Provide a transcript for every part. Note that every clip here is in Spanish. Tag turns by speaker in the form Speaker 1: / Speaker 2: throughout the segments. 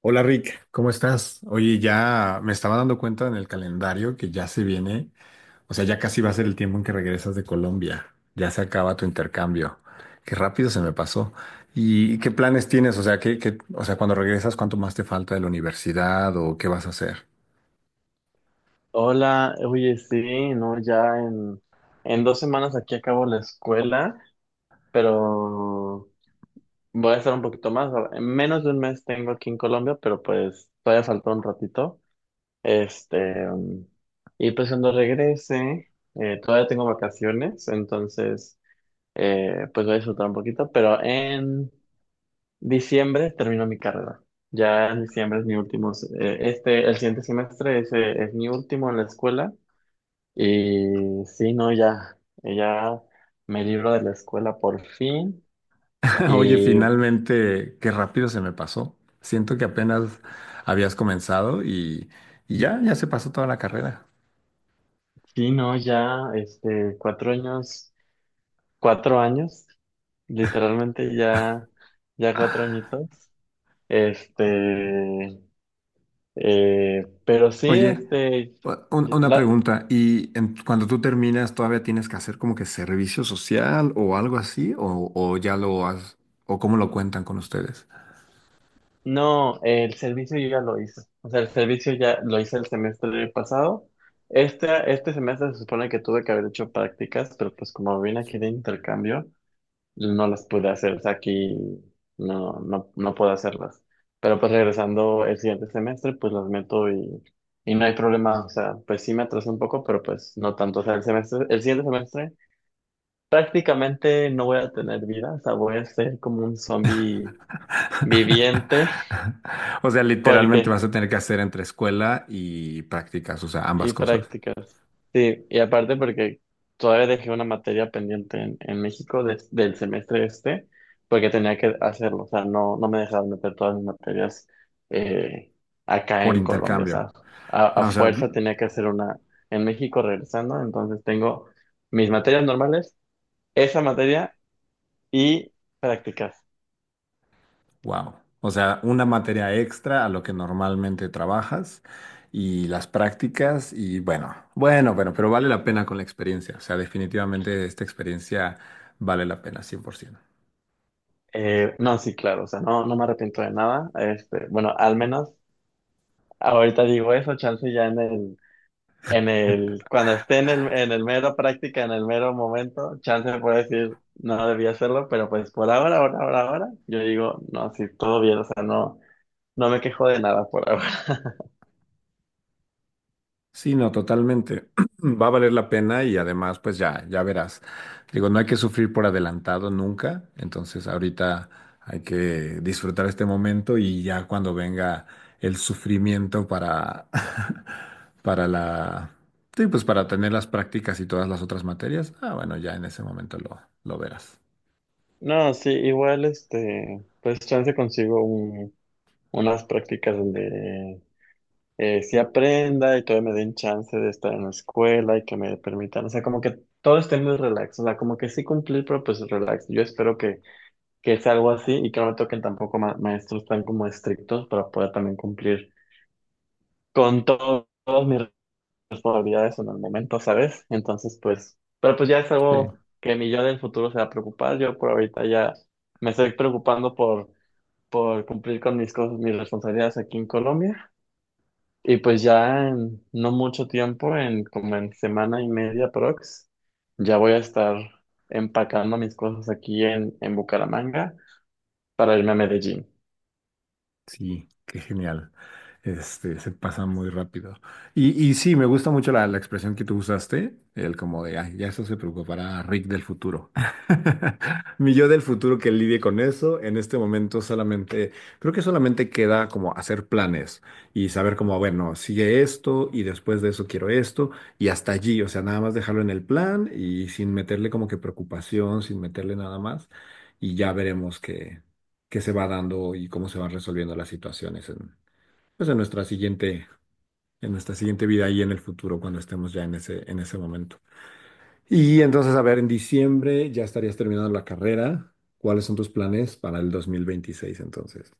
Speaker 1: Hola Rick, ¿cómo estás? Oye, ya me estaba dando cuenta en el calendario que ya se viene, o sea, ya casi va a ser el tiempo en que regresas de Colombia, ya se acaba tu intercambio. Qué rápido se me pasó. ¿Y qué planes tienes? O sea, cuando regresas, ¿cuánto más te falta de la universidad o qué vas a hacer?
Speaker 2: Hola, oye, sí, no, ya en 2 semanas aquí acabo la escuela, pero voy a estar un poquito más. En menos de un mes tengo aquí en Colombia, pero pues todavía faltó un ratito. Este, y pues cuando regrese, todavía tengo vacaciones, entonces pues voy a disfrutar un poquito, pero en diciembre termino mi carrera. Ya en diciembre es mi último, el siguiente semestre ese es mi último en la escuela. Y sí, no, ya, ya me libro de la escuela por fin.
Speaker 1: Oye,
Speaker 2: Y
Speaker 1: finalmente, qué rápido se me pasó. Siento que apenas habías comenzado y ya, ya se pasó toda la carrera.
Speaker 2: sí, no, ya, 4 años, 4 años, literalmente ya, ya 4 añitos. Este, pero sí,
Speaker 1: Oye, una
Speaker 2: la,
Speaker 1: pregunta, ¿y cuando tú terminas todavía tienes que hacer como que servicio social o algo así? O ya lo has, o cómo lo cuentan con ustedes?
Speaker 2: no, el servicio yo ya lo hice. O sea, el servicio ya lo hice el semestre pasado. Este semestre se supone que tuve que haber hecho prácticas, pero pues como vine aquí de intercambio, no las pude hacer, o sea, aquí no, no, no puedo hacerlas. Pero pues regresando el siguiente semestre, pues las meto y no hay problema, o sea, pues sí me atrasé un poco, pero pues no tanto, o sea, el siguiente semestre prácticamente no voy a tener vida, o sea, voy a ser como un zombie viviente,
Speaker 1: O sea, literalmente
Speaker 2: porque.
Speaker 1: vas a tener que hacer entre escuela y prácticas, o sea, ambas
Speaker 2: Y
Speaker 1: cosas,
Speaker 2: prácticas. Sí, y aparte porque todavía dejé una materia pendiente en, México de del semestre este, porque tenía que hacerlo, o sea, no, no me dejaban meter todas mis materias eh, acá
Speaker 1: por
Speaker 2: en Colombia, o
Speaker 1: intercambio.
Speaker 2: sea, a,
Speaker 1: Ah, o sea,
Speaker 2: fuerza tenía que hacer una en México regresando, entonces tengo mis materias normales, esa materia y prácticas.
Speaker 1: wow. O sea, una materia extra a lo que normalmente trabajas y las prácticas y bueno, bueno, bueno, pero vale la pena con la experiencia. O sea, definitivamente esta experiencia vale la pena 100%.
Speaker 2: No, sí, claro, o sea, no, no me arrepiento de nada, bueno, al menos ahorita digo eso, chance ya en el. Cuando esté en el mero práctica, en el mero momento, chance puede decir, no debía hacerlo, pero pues por ahora, yo digo, no, sí, todo bien, o sea, no, no me quejo de nada por ahora.
Speaker 1: Sí, no, totalmente. Va a valer la pena y además, pues ya, ya verás. Digo, no hay que sufrir por adelantado nunca. Entonces, ahorita hay que disfrutar este momento y ya cuando venga el sufrimiento para, para sí, pues para tener las prácticas y todas las otras materias, ah, bueno, ya en ese momento lo verás.
Speaker 2: No, sí, igual, pues chance consigo unas prácticas donde sí aprenda y todavía me den chance de estar en la escuela y que me permitan, o sea, como que todo esté muy relax, o sea, como que sí cumplir, pero pues relax. Yo espero que es algo así y que no me toquen tampoco maestros tan como estrictos para poder también cumplir con todas mis responsabilidades en el momento, ¿sabes? Entonces, pues, pero pues ya es
Speaker 1: Sí.
Speaker 2: algo que mi yo del futuro se va a preocupar. Yo por ahorita ya me estoy preocupando por, cumplir con mis cosas, mis responsabilidades aquí en Colombia. Y pues ya en no mucho tiempo, en como en semana y media, ya voy a estar empacando mis cosas aquí en, Bucaramanga para irme a Medellín.
Speaker 1: Sí, qué genial. Este, se pasa muy rápido. Y sí, me gusta mucho la expresión que tú usaste, el como de, "Ay, ya eso se preocupará Rick del futuro. Mi yo del futuro que lidie con eso". En este momento solamente, creo que solamente queda como hacer planes y saber como, bueno, sigue esto y después de eso quiero esto y hasta allí, o sea, nada más dejarlo en el plan y sin meterle como que preocupación, sin meterle nada más y ya veremos que se va dando y cómo se van resolviendo las situaciones en, pues en nuestra siguiente vida y en el futuro cuando estemos ya en ese momento. Y entonces, a ver, en diciembre ya estarías terminando la carrera. ¿Cuáles son tus planes para el dos mil veintiséis entonces?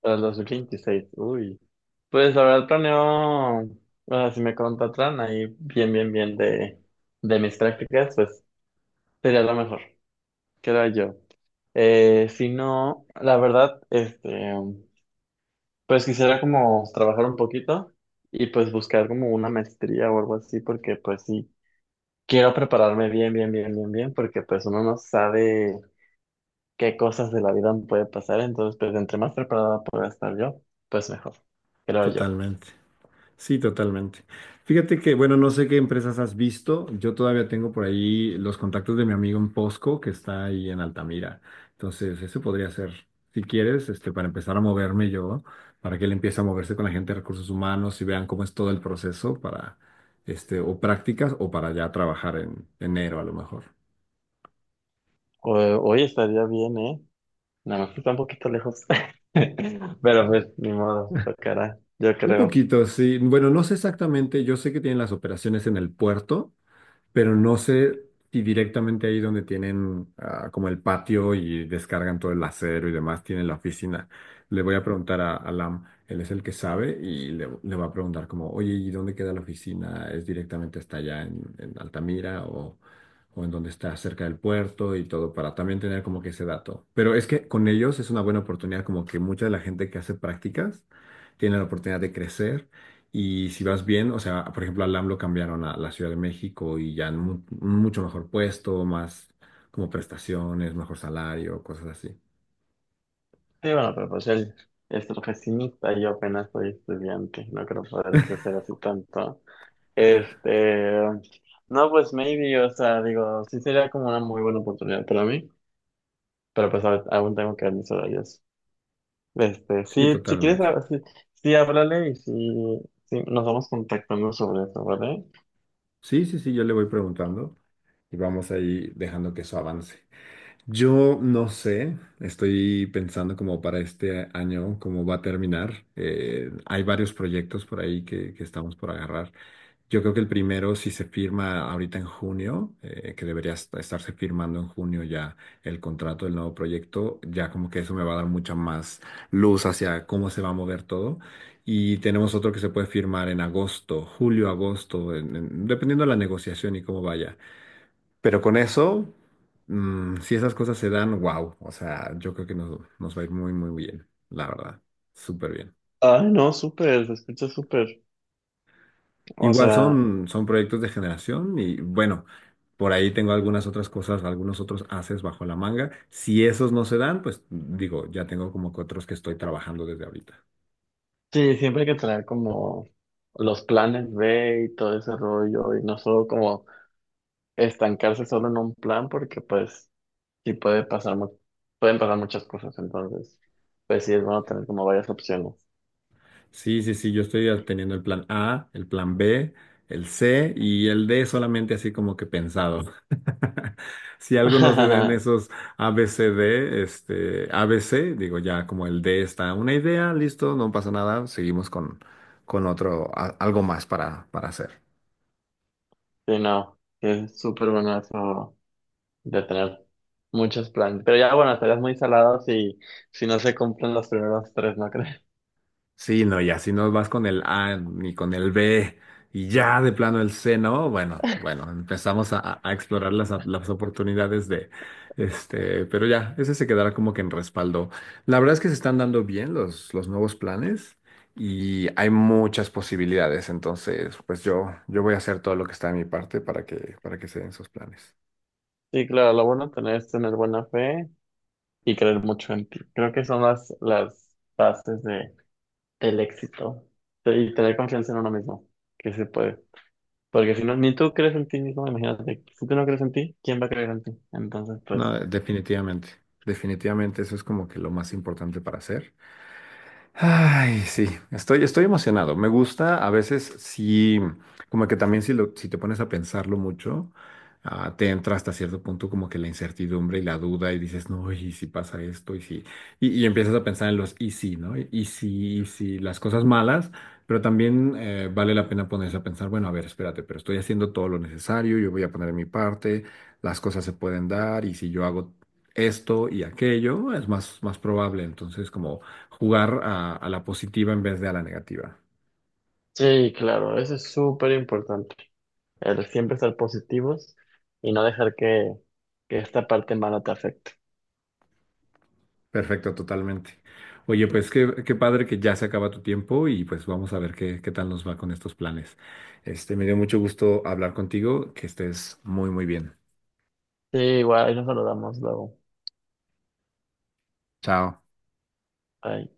Speaker 2: Para el 2026, uy. Pues la verdad planeo, o sea, si me contratan ahí bien, bien, bien de mis prácticas, pues sería lo mejor, creo yo. Si no, la verdad, pues quisiera como trabajar un poquito y pues buscar como una maestría o algo así, porque pues sí, quiero prepararme bien, bien, bien, bien, bien, porque pues uno no sabe qué cosas de la vida puede pasar, entonces pues entre más preparada pueda estar yo, pues mejor, creo yo.
Speaker 1: Totalmente. Sí, totalmente. Fíjate que, bueno, no sé qué empresas has visto. Yo todavía tengo por ahí los contactos de mi amigo en Posco, que está ahí en Altamira. Entonces, eso podría ser, si quieres, este, para empezar a moverme yo, para que él empiece a moverse con la gente de recursos humanos y vean cómo es todo el proceso para, este, o prácticas o para ya trabajar en enero a lo mejor.
Speaker 2: O- Hoy estaría bien, ¿eh? Nada más que está un poquito lejos. Pero pues, ni modo, tocará, yo
Speaker 1: Un
Speaker 2: creo.
Speaker 1: poquito, sí. Bueno, no sé exactamente. Yo sé que tienen las operaciones en el puerto, pero no sé si directamente ahí donde tienen ah, como el patio y descargan todo el acero y demás, tienen la oficina. Le voy a preguntar a Lam, él es el que sabe y le va a preguntar como, oye, ¿y dónde queda la oficina? ¿Es directamente hasta allá en Altamira o en donde está cerca del puerto y todo para también tener como que ese dato? Pero es que con ellos es una buena oportunidad, como que mucha de la gente que hace prácticas tiene la oportunidad de crecer y si vas bien, o sea, por ejemplo, al LAM lo cambiaron a la Ciudad de México y ya en un mucho mejor puesto, más como prestaciones, mejor salario, cosas así.
Speaker 2: Sí, bueno, pero pues él es profesionista y yo apenas soy estudiante. No creo poder crecer así tanto. Este, no, pues maybe, o sea, digo, sí sería como una muy buena oportunidad para mí. Pero pues aún tengo que ver mis horarios.
Speaker 1: Sí,
Speaker 2: Sí, si quieres,
Speaker 1: totalmente.
Speaker 2: ah, sí, sí, háblale y sí, sí, nos vamos contactando sobre eso, ¿vale?
Speaker 1: Sí, sí, sí, yo le voy preguntando y vamos ahí dejando que eso avance. Yo no sé, estoy pensando como para este año, cómo va a terminar. Hay varios proyectos por ahí que estamos por agarrar. Yo creo que el primero, si se firma ahorita en junio, que debería estarse firmando en junio ya el contrato del nuevo proyecto, ya como que eso me va a dar mucha más luz hacia cómo se va a mover todo. Y tenemos otro que se puede firmar en agosto, julio, agosto, dependiendo de la negociación y cómo vaya. Pero con eso, si esas cosas se dan, wow, o sea, yo creo que nos va a ir muy, muy bien, la verdad, súper bien.
Speaker 2: Ay, no, súper, se escucha súper. O
Speaker 1: Igual
Speaker 2: sea,
Speaker 1: son, son proyectos de generación y bueno, por ahí tengo algunas otras cosas, algunos otros haces bajo la manga. Si esos no se dan, pues digo, ya tengo como que otros que estoy trabajando desde ahorita.
Speaker 2: sí, siempre hay que traer como los planes B y todo ese rollo y no solo como estancarse solo en un plan porque pues sí puede pasar, pueden pasar muchas cosas, entonces pues sí es bueno tener como varias opciones.
Speaker 1: Sí, sí, sí, yo estoy teniendo el plan A, el plan B, el C y el D solamente así como que pensado. Si algo no se da en esos A B C D este, A B C digo ya como el D está una idea, listo, no pasa nada, seguimos con otro, algo más para hacer.
Speaker 2: Sí, no, sí es súper bueno eso de tener muchos planes, pero ya bueno, estarías muy salado si, si no se cumplen los primeros tres, ¿no crees?
Speaker 1: Sí, no, ya si no vas con el A ni con el B y ya de plano el C, ¿no? Bueno, bueno, empezamos a, a explorar las oportunidades de este, pero ya, ese se quedará como que en respaldo. La verdad es que se están dando bien los nuevos planes y hay muchas posibilidades, entonces, pues yo voy a hacer todo lo que está de mi parte para que se den esos planes.
Speaker 2: Sí, claro, lo bueno tener es tener buena fe y creer mucho en ti. Creo que son las, bases de, del éxito y tener confianza en uno mismo, que se puede. Porque si no, ni tú crees en ti mismo, imagínate, si tú no crees en ti, ¿quién va a creer en ti? Entonces, pues,
Speaker 1: No, definitivamente, definitivamente eso es como que lo más importante para hacer. Ay, sí, estoy, estoy emocionado. Me gusta, a veces sí, como que también si, lo, si te pones a pensarlo mucho, ah, te entra hasta cierto punto como que la incertidumbre y la duda y dices, no, y si pasa esto, y si, y empiezas a pensar en los y si, ¿no? Y si, las cosas malas, pero también vale la pena ponerse a pensar, bueno, a ver, espérate, pero estoy haciendo todo lo necesario, yo voy a poner mi parte, las cosas se pueden dar, y si yo hago esto y aquello, es más, más probable. Entonces, como jugar a la positiva en vez de a la negativa.
Speaker 2: sí, claro, eso es súper importante, el siempre ser positivos y no dejar que, esta parte mala te afecte.
Speaker 1: Perfecto, totalmente. Oye, pues qué padre que ya se acaba tu tiempo y pues vamos a ver qué tal nos va con estos planes. Este, me dio mucho gusto hablar contigo, que estés muy, muy bien.
Speaker 2: Sí, igual, ahí nos saludamos luego.
Speaker 1: Chao.
Speaker 2: Bye.